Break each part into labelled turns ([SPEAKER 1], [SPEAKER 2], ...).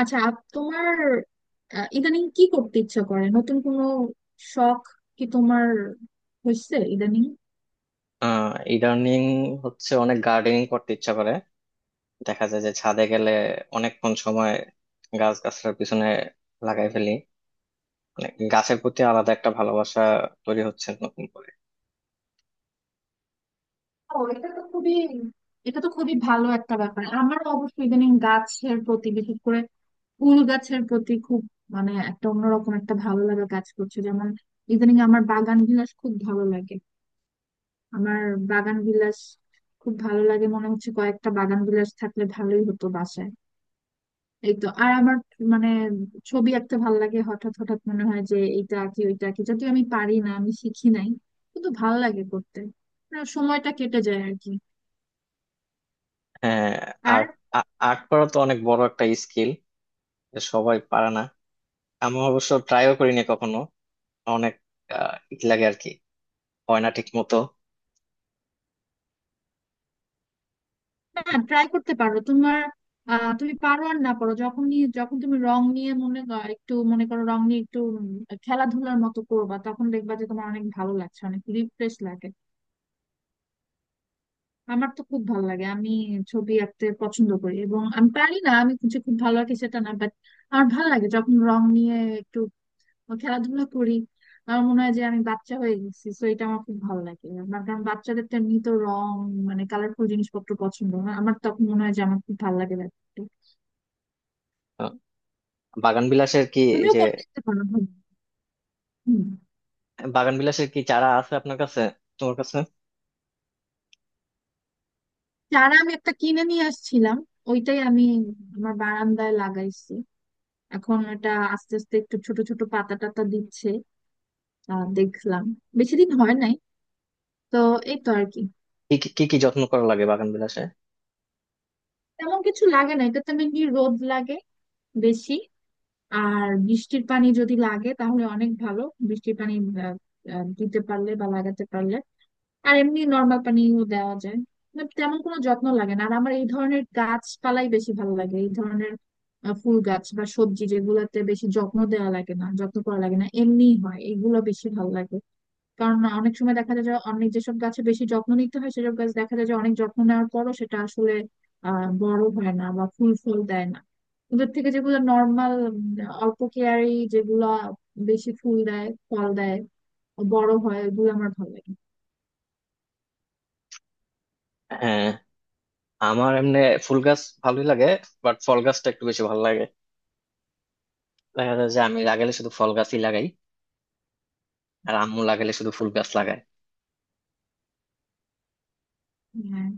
[SPEAKER 1] আচ্ছা তোমার ইদানিং কি করতে ইচ্ছা করে নতুন কোনো শখ কি তোমার হয়েছে ইদানিং?
[SPEAKER 2] আহ ইদানিং হচ্ছে অনেক গার্ডেনিং করতে ইচ্ছা করে, দেখা যায় যে ছাদে গেলে অনেকক্ষণ সময় গাছ গাছলার পিছনে লাগাই ফেলি। মানে, গাছের প্রতি আলাদা একটা ভালোবাসা তৈরি হচ্ছে নতুন করে।
[SPEAKER 1] ও, এটা তো খুবই, এটা তো খুবই ভালো একটা ব্যাপার। আমার অবশ্য ইদানিং গাছের প্রতি, বিশেষ করে ফুল গাছের প্রতি খুব, মানে একটা অন্যরকম একটা ভালো লাগা কাজ করছে। যেমন ইদানিং আমার বাগান বিলাস খুব ভালো লাগে। আমার বাগান বিলাস খুব ভালো লাগে, মনে হচ্ছে কয়েকটা বাগান বিলাস থাকলে ভালোই হতো বাসায়। এই তো, আর আমার মানে ছবি আঁকতে ভাল লাগে। হঠাৎ হঠাৎ মনে হয় যে এইটা কি ওইটা কি, যদিও আমি পারি না, আমি শিখি নাই, কিন্তু ভাল লাগে করতে। না, সময়টা কেটে যায় আর কি।
[SPEAKER 2] হ্যাঁ।
[SPEAKER 1] আর
[SPEAKER 2] আর্ট আর্ট করা তো অনেক বড় একটা স্কিল, সবাই পারে না। আমি অবশ্য ট্রাইও করিনি কখনো। অনেক ই লাগে আর কি, হয় না ঠিক মতো।
[SPEAKER 1] না, ট্রাই করতে পারো তোমার। তুমি পারো আর না পারো, যখন যখন তুমি রং নিয়ে মনে একটু মনে করো রং নিয়ে একটু খেলাধুলার মতো করবা, তখন দেখবা যে তোমার অনেক ভালো লাগছে, অনেক রিফ্রেশ লাগে। আমার তো খুব ভালো লাগে, আমি ছবি আঁকতে পছন্দ করি এবং আমি পারি না, আমি যে খুব ভালো আঁকি সেটা না, বাট আমার ভালো লাগে যখন রং নিয়ে একটু খেলাধুলা করি। আমার মনে হয় যে আমি বাচ্চা হয়ে গেছি, তো এটা আমার খুব ভালো লাগে আমার। কারণ বাচ্চাদের তো এমনি তো রং মানে কালারফুল জিনিসপত্র পছন্দ, না আমার তখন মনে হয় যে আমার খুব ভালো লাগে ব্যাপারটা।
[SPEAKER 2] আহ, বাগান বিলাসের কি এই
[SPEAKER 1] তুমিও
[SPEAKER 2] যে
[SPEAKER 1] করে দেখতে পারো। হুম। হুম।
[SPEAKER 2] বাগান বিলাসের কি চারা আছে আপনার কাছে, তোমার কাছে?
[SPEAKER 1] চারা আমি একটা কিনে নিয়ে আসছিলাম, ওইটাই আমি আমার বারান্দায় লাগাইছি। এখন এটা আস্তে আস্তে একটু ছোট ছোট পাতা টাতা দিচ্ছে। দেখলাম বেশি দিন হয় নাই, তো এই তো আর কি।
[SPEAKER 2] কি কি যত্ন করা লাগে বাগান বিলাসে?
[SPEAKER 1] তেমন কিছু লাগে না, এটাতে মেনলি রোদ লাগে বেশি। আর বৃষ্টির পানি যদি লাগে তাহলে অনেক ভালো। বৃষ্টির পানি আহ, আহ, দিতে পারলে বা লাগাতে পারলে। আর এমনি নর্মাল পানিও দেওয়া যায়। But তেমন কোনো যত্ন লাগে না। আর আমার এই ধরনের গাছপালাই বেশি ভালো লাগে, এই ধরনের ফুল গাছ বা সবজি যেগুলোতে বেশি যত্ন দেওয়া লাগে না, যত্ন করা লাগে না, এমনি হয়, এগুলো বেশি ভালো লাগে। কারণ অনেক সময় দেখা যায় যে অনেক যেসব গাছে বেশি যত্ন নিতে হয় সেসব গাছ দেখা যায় যে অনেক যত্ন নেওয়ার পরও সেটা আসলে বড় হয় না বা ফুল ফল দেয় না। ওদের থেকে যেগুলো নর্মাল, অল্প কেয়ারি যেগুলো, বেশি ফুল দেয় ফল দেয়, বড় হয়, ওগুলো আমার ভালো লাগে।
[SPEAKER 2] হ্যাঁ। আমার এমনি ফুল গাছ ভালোই লাগে, বাট ফল গাছটা একটু বেশি ভালো লাগে। দেখা যায় যে আমি লাগালে শুধু ফল গাছই লাগাই, আর আম্মু লাগালে শুধু ফুল গাছ লাগায়।
[SPEAKER 1] হ্যাঁ,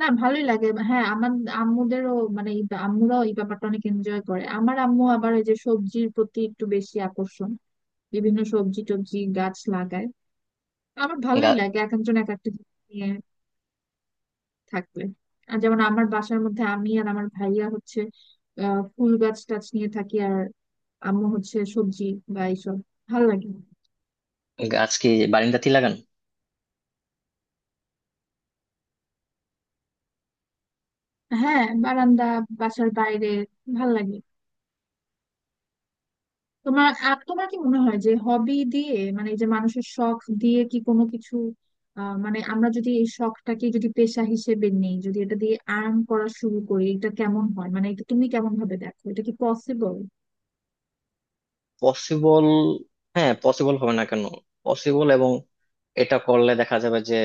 [SPEAKER 1] না ভালোই লাগে। হ্যাঁ আমার আম্মুদেরও মানে এই আম্মুরাও এই ব্যাপারটা অনেক এনজয় করে। আমার আম্মু আবার ওই যে সবজির প্রতি একটু বেশি আকর্ষণ, বিভিন্ন সবজি টবজি গাছ লাগায়। আমার ভালোই
[SPEAKER 2] গা-
[SPEAKER 1] লাগে এক একজন এক একটা জিনিস নিয়ে থাকবে। আর যেমন আমার বাসার মধ্যে আমি আর আমার ভাইয়া হচ্ছে ফুল গাছ টাছ নিয়ে থাকি, আর আম্মু হচ্ছে সবজি বা এইসব। ভাল লাগে।
[SPEAKER 2] গাছ কি বারান্দাতেই লাগান?
[SPEAKER 1] হ্যাঁ, বারান্দা, বাসার বাইরে। ভাল লাগে। তোমার তোমার কি মনে হয় যে হবি দিয়ে মানে এই যে মানুষের শখ দিয়ে কি কোনো কিছু মানে আমরা যদি এই শখটাকে যদি পেশা হিসেবে নেই, যদি এটা দিয়ে আর্ন করা শুরু করি, এটা কেমন হয়? মানে এটা তুমি কেমন ভাবে দেখো? এটা কি পসিবল?
[SPEAKER 2] পসিবল, হ্যাঁ পসিবল হবে না কেন? পসিবল, এবং এটা করলে দেখা যাবে যে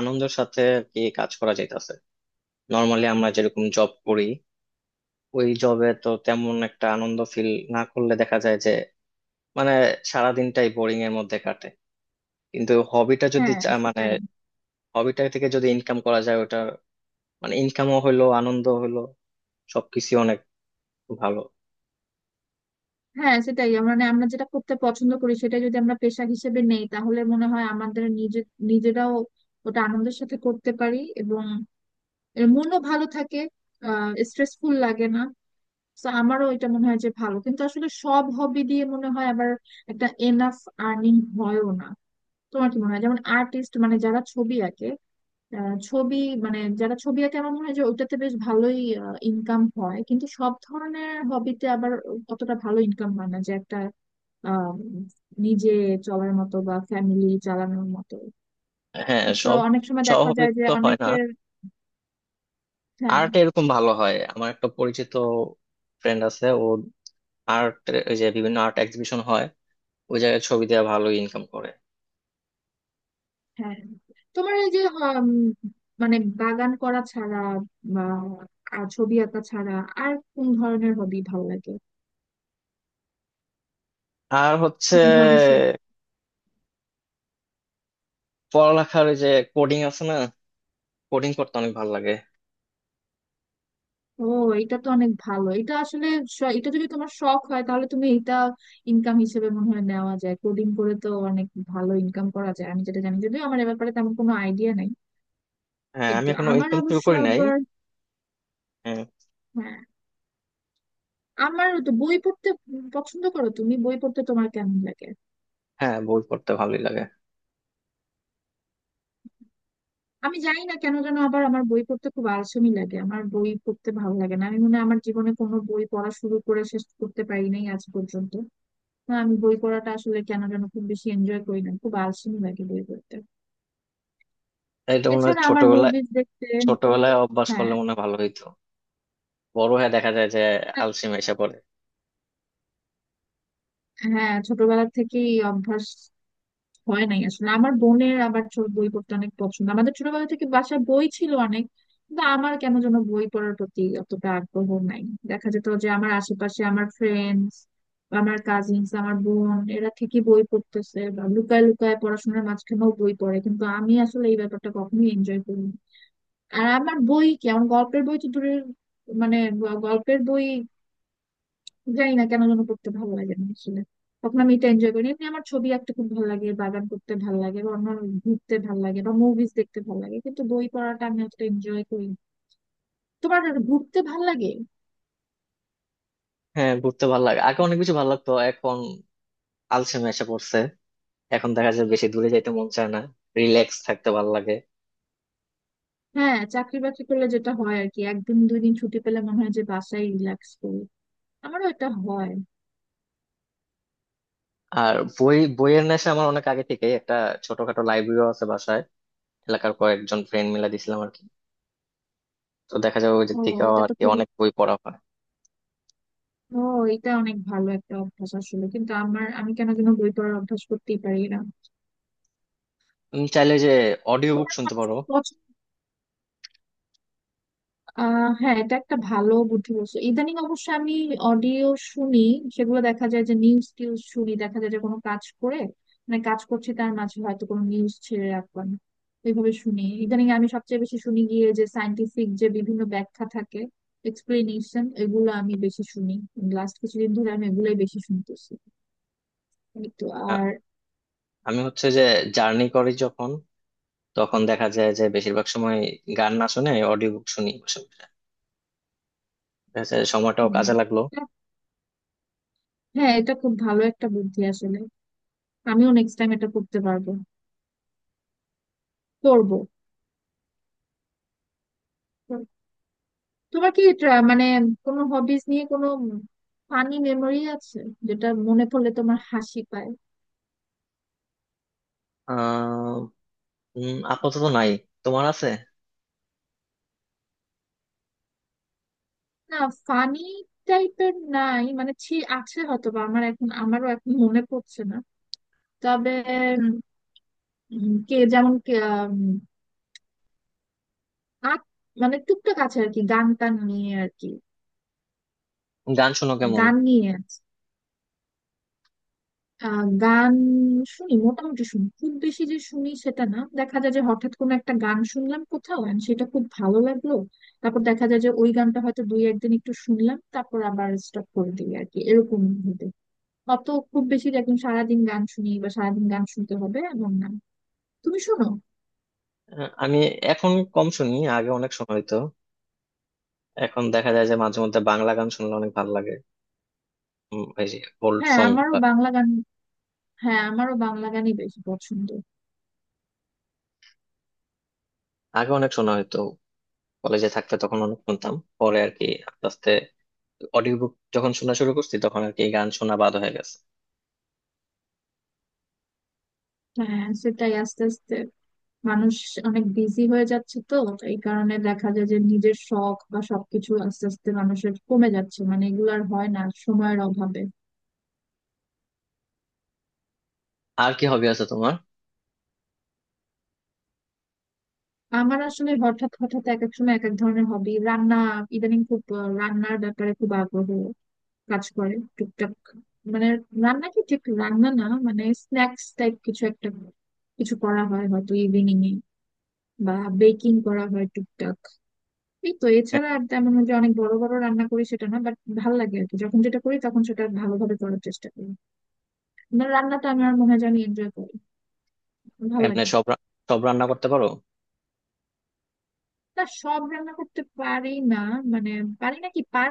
[SPEAKER 2] আনন্দের সাথে আর কি কাজ করা যাইতেছে। নর্মালি আমরা যেরকম জব করি, ওই জবে তো তেমন একটা আনন্দ ফিল না করলে দেখা যায় যে মানে সারাদিনটাই বোরিং এর মধ্যে কাটে। কিন্তু
[SPEAKER 1] হ্যাঁ সেটাই।
[SPEAKER 2] হবিটা থেকে যদি ইনকাম করা যায়, ওটা মানে ইনকামও হইলো আনন্দ হইলো, সবকিছু অনেক ভালো।
[SPEAKER 1] হ্যাঁ সেটাই, মানে আমরা যেটা করতে পছন্দ করি সেটা যদি আমরা পেশা হিসেবে নেই তাহলে মনে হয় আমাদের নিজে, নিজেরাও ওটা আনন্দের সাথে করতে পারি, এবং এর মনও ভালো থাকে, স্ট্রেসফুল লাগে না। তো আমারও এটা মনে হয় যে ভালো, কিন্তু আসলে সব হবি দিয়ে মনে হয় আবার একটা এনাফ আর্নিং হয়ও না। তোমার কি মনে হয়, যেমন আর্টিস্ট মানে যারা ছবি আঁকে, আহ, ছবি মানে যারা ছবি আঁকে আমার মনে হয় যে ওটাতে বেশ ভালোই ইনকাম হয়, কিন্তু সব ধরনের হবিতে আবার অতটা ভালো ইনকাম হয় না যে একটা আম, নিজে চলার মতো বা ফ্যামিলি চালানোর মতো।
[SPEAKER 2] হ্যাঁ
[SPEAKER 1] তো
[SPEAKER 2] সব
[SPEAKER 1] অনেক সময়
[SPEAKER 2] সব
[SPEAKER 1] দেখা
[SPEAKER 2] হবি
[SPEAKER 1] যায় যে
[SPEAKER 2] তো হয় না।
[SPEAKER 1] অনেকের, হ্যাঁ।
[SPEAKER 2] আর্ট এরকম ভালো হয়। আমার একটা পরিচিত ফ্রেন্ড আছে, ও আর্ট, ওই যে বিভিন্ন আর্ট এক্সিবিশন হয়, ওই জায়গায় ছবি দেওয়া ভালো ইনকাম করে।
[SPEAKER 1] হ্যাঁ। তোমার এই যে মানে বাগান করা ছাড়া বা আর ছবি আঁকা ছাড়া আর কোন ধরনের হবি ভালো লাগে?
[SPEAKER 2] আর হচ্ছে
[SPEAKER 1] কোন ধরনের
[SPEAKER 2] পড়ালেখার ওই যে কোডিং আছে না, কোডিং করতে অনেক ভালো লাগে।
[SPEAKER 1] ও, এটা তো অনেক ভালো, এটা আসলে এটা যদি তোমার শখ হয় তাহলে তুমি এটা ইনকাম হিসেবে মনে হয় নেওয়া যায়। কোডিং করে তো অনেক ভালো ইনকাম করা যায়, আমি যেটা জানি, যদিও আমার এ ব্যাপারে তেমন কোনো আইডিয়া নাই।
[SPEAKER 2] হ্যাঁ আমি
[SPEAKER 1] কিন্তু
[SPEAKER 2] এখনো
[SPEAKER 1] আমার
[SPEAKER 2] ইনকাম শুরু
[SPEAKER 1] অবশ্য
[SPEAKER 2] করি নাই।
[SPEAKER 1] আবার,
[SPEAKER 2] হ্যাঁ।
[SPEAKER 1] হ্যাঁ। আমার তো বই পড়তে পছন্দ করো? তুমি বই পড়তে তোমার কেমন লাগে?
[SPEAKER 2] হ্যাঁ, বই পড়তে ভালোই লাগে।
[SPEAKER 1] আমি জানি না কেন যেন আবার আমার বই পড়তে খুব আলসেমি লাগে, আমার বই পড়তে ভালো লাগে না। আমি মনে হয় আমার জীবনে কোনো বই পড়া শুরু করে শেষ করতে পারি নাই আজ পর্যন্ত। না, আমি বই পড়াটা আসলে কেন যেন খুব বেশি এনজয় করি না, খুব আলসেমি লাগে বই পড়তে।
[SPEAKER 2] এটা মনে হয়
[SPEAKER 1] এছাড়া আমার
[SPEAKER 2] ছোটবেলায়,
[SPEAKER 1] মুভিজ দেখতে,
[SPEAKER 2] ছোটবেলায় অভ্যাস
[SPEAKER 1] হ্যাঁ।
[SPEAKER 2] করলে মনে হয় ভালো হইতো। বড় হয়ে দেখা যায় যে আলসেমি এসে পড়ে।
[SPEAKER 1] হ্যাঁ, ছোটবেলা থেকেই অভ্যাস হয় নাই আসলে। আমার বোনের আবার ছোট বই পড়তে অনেক পছন্দ, আমাদের ছোটবেলা থেকে বাসায় বই ছিল অনেক, কিন্তু আমার কেন যেন বই পড়ার প্রতি অতটা আগ্রহ নাই। দেখা যেত যে আমার আশেপাশে আমার ফ্রেন্ডস, আমার কাজিনস, আমার বোন এরা ঠিকই বই পড়তেছে বা লুকায় লুকায় পড়াশোনার মাঝখানেও বই পড়ে, কিন্তু আমি আসলে এই ব্যাপারটা কখনোই এনজয় করিনি। আর আমার বই কি, আমার গল্পের বই তো দূরের, মানে গল্পের বই, জানি না কেন যেন করতে ভালো লাগে না আসলে। তখন আমি এটা এনজয় করি এমনি, আমার ছবি আঁকতে খুব ভালো লাগে, বাগান করতে ভালো লাগে বা অন্য ঘুরতে ভালো লাগে বা মুভিজ দেখতে ভালো লাগে, কিন্তু বই পড়াটা আমি অতটা এনজয় করি না। তোমার ঘুরতে ভালো লাগে?
[SPEAKER 2] হ্যাঁ ঘুরতে ভালো লাগে, আগে অনেক বেশি ভালো লাগতো, এখন আলসেমি এসে পড়ছে। এখন দেখা যায় বেশি দূরে যাইতে মন চায় না, রিল্যাক্স থাকতে ভালো লাগে।
[SPEAKER 1] হ্যাঁ, চাকরি বাকরি করলে যেটা হয় আর কি, একদিন দুই দিন ছুটি পেলে মনে হয় যে বাসায় রিল্যাক্স করি। আমারও এটা হয়।
[SPEAKER 2] আর বই, বইয়ের নেশা আমার অনেক আগে থেকেই। একটা ছোটখাটো লাইব্রেরিও আছে বাসায়, এলাকার কয়েকজন ফ্রেন্ড মিলে দিছিলাম আর কি। তো দেখা যায় ওই দিক
[SPEAKER 1] ও,
[SPEAKER 2] থেকে
[SPEAKER 1] এটা
[SPEAKER 2] আর
[SPEAKER 1] তো
[SPEAKER 2] কি
[SPEAKER 1] খুবই,
[SPEAKER 2] অনেক বই পড়া হয়।
[SPEAKER 1] ও, এটা অনেক ভালো একটা অভ্যাস আসলে, কিন্তু আমার আমি কেন যেন বই পড়ার অভ্যাস করতেই পারি না।
[SPEAKER 2] তুমি চাইলে যে অডিও বুক শুনতে পারো।
[SPEAKER 1] তোমার হ্যাঁ, এটা একটা ভালো বুদ্ধি বলছো। ইদানিং অবশ্য আমি অডিও শুনি, সেগুলো দেখা যায় যে নিউজ টিউজ শুনি, দেখা যায় যে কোনো কাজ করে মানে কাজ করছি তার মাঝে হয়তো কোনো নিউজ ছেড়ে রাখলাম, এইভাবে শুনি। ইদানিং আমি সবচেয়ে বেশি শুনি গিয়ে যে সায়েন্টিফিক যে বিভিন্ন ব্যাখ্যা থাকে, এক্সপ্লেনেশন, এগুলো আমি বেশি শুনি। লাস্ট কিছুদিন ধরে আমি এগুলোই বেশি শুনতেছি, এই তো।
[SPEAKER 2] আ-
[SPEAKER 1] আর
[SPEAKER 2] আমি হচ্ছে যে জার্নি করি যখন, তখন দেখা যায় যে বেশিরভাগ সময় গান না শুনে অডিও বুক শুনি বসে বসে। দেখা যায় সময়টাও কাজে
[SPEAKER 1] উম,
[SPEAKER 2] লাগলো।
[SPEAKER 1] হ্যাঁ, এটা খুব ভালো একটা বুদ্ধি আসলে, আমিও নেক্সট টাইম এটা করতে পারবো, করবো। তোমার কি মানে কোনো হবিস নিয়ে কোনো ফানি মেমোরি আছে যেটা মনে পড়লে তোমার হাসি পায়?
[SPEAKER 2] আহ আপাতত নাই, তোমার আছে?
[SPEAKER 1] না, ফানি টাইপের নাই, মানে ছি আছে হয়তো বা, আমার এখন, আমারও এখন মনে পড়ছে না। তবে উম, কে যেমন কে, উম, আ- মানে টুকটাক আছে আর কি গান টান নিয়ে আর কি।
[SPEAKER 2] গান শোনো কেমন?
[SPEAKER 1] গান নিয়ে আছে। গান শুনি, মোটামুটি শুনি, খুব বেশি যে শুনি সেটা না। দেখা যায় যে হঠাৎ কোনো একটা গান শুনলাম কোথাও and সেটা খুব ভালো লাগলো, তারপর দেখা যায় যে ওই গানটা হয়তো দুই একদিন একটু শুনলাম, তারপর আবার স্টপ করে দিই আর কি, এরকম হতে। অত খুব বেশি যে একদম সারাদিন গান শুনি বা সারাদিন গান শুনতে হবে এমন না। তুমি শোনো?
[SPEAKER 2] আমি এখন কম শুনি, আগে অনেক শোনা হইতো। এখন দেখা যায় যে মাঝে মধ্যে বাংলা গান শুনলে অনেক ভালো লাগে, এই যে ওল্ড
[SPEAKER 1] হ্যাঁ
[SPEAKER 2] সং।
[SPEAKER 1] আমারও বাংলা গান, হ্যাঁ আমারও বাংলা গানই বেশি পছন্দ।
[SPEAKER 2] আগে অনেক শোনা হইতো, কলেজে থাকতে তখন অনেক শুনতাম। পরে আর কি আস্তে আস্তে অডিও বুক যখন শোনা শুরু করছি তখন আর কি গান শোনা বাদ হয়ে গেছে।
[SPEAKER 1] হ্যাঁ সেটাই, আস্তে আস্তে মানুষ অনেক বিজি হয়ে যাচ্ছে তো, এই কারণে দেখা যায় যে নিজের শখ বা সবকিছু আস্তে আস্তে মানুষের কমে যাচ্ছে, মানে এগুলো আর হয় না সময়ের অভাবে।
[SPEAKER 2] আর কি হবি আছে তোমার?
[SPEAKER 1] আমার আসলে হঠাৎ হঠাৎ এক এক সময় এক এক ধরনের হবি, রান্না, ইদানিং খুব রান্নার ব্যাপারে খুব আগ্রহ কাজ করে টুকটাক। মানে রান্না কি, ঠিক রান্না না, মানে স্ন্যাক্স টাইপ কিছু একটা, কিছু করা হয় হয়তো ইভিনিং এ, বা বেকিং করা হয় টুকটাক। এই তো,
[SPEAKER 2] এ-
[SPEAKER 1] এছাড়া আর তেমন যে অনেক বড় বড় রান্না করি সেটা না, বাট ভাল লাগে আর কি, যখন যেটা করি তখন সেটা ভালোভাবে করার চেষ্টা করি। মানে রান্নাটা আমার মনে হয় যে আমি এনজয় করি, ভাল
[SPEAKER 2] এমনি
[SPEAKER 1] লাগে।
[SPEAKER 2] সব রান্না করতে পারো?
[SPEAKER 1] না, সব রান্না করতে পারি না, মানে পারি না কি।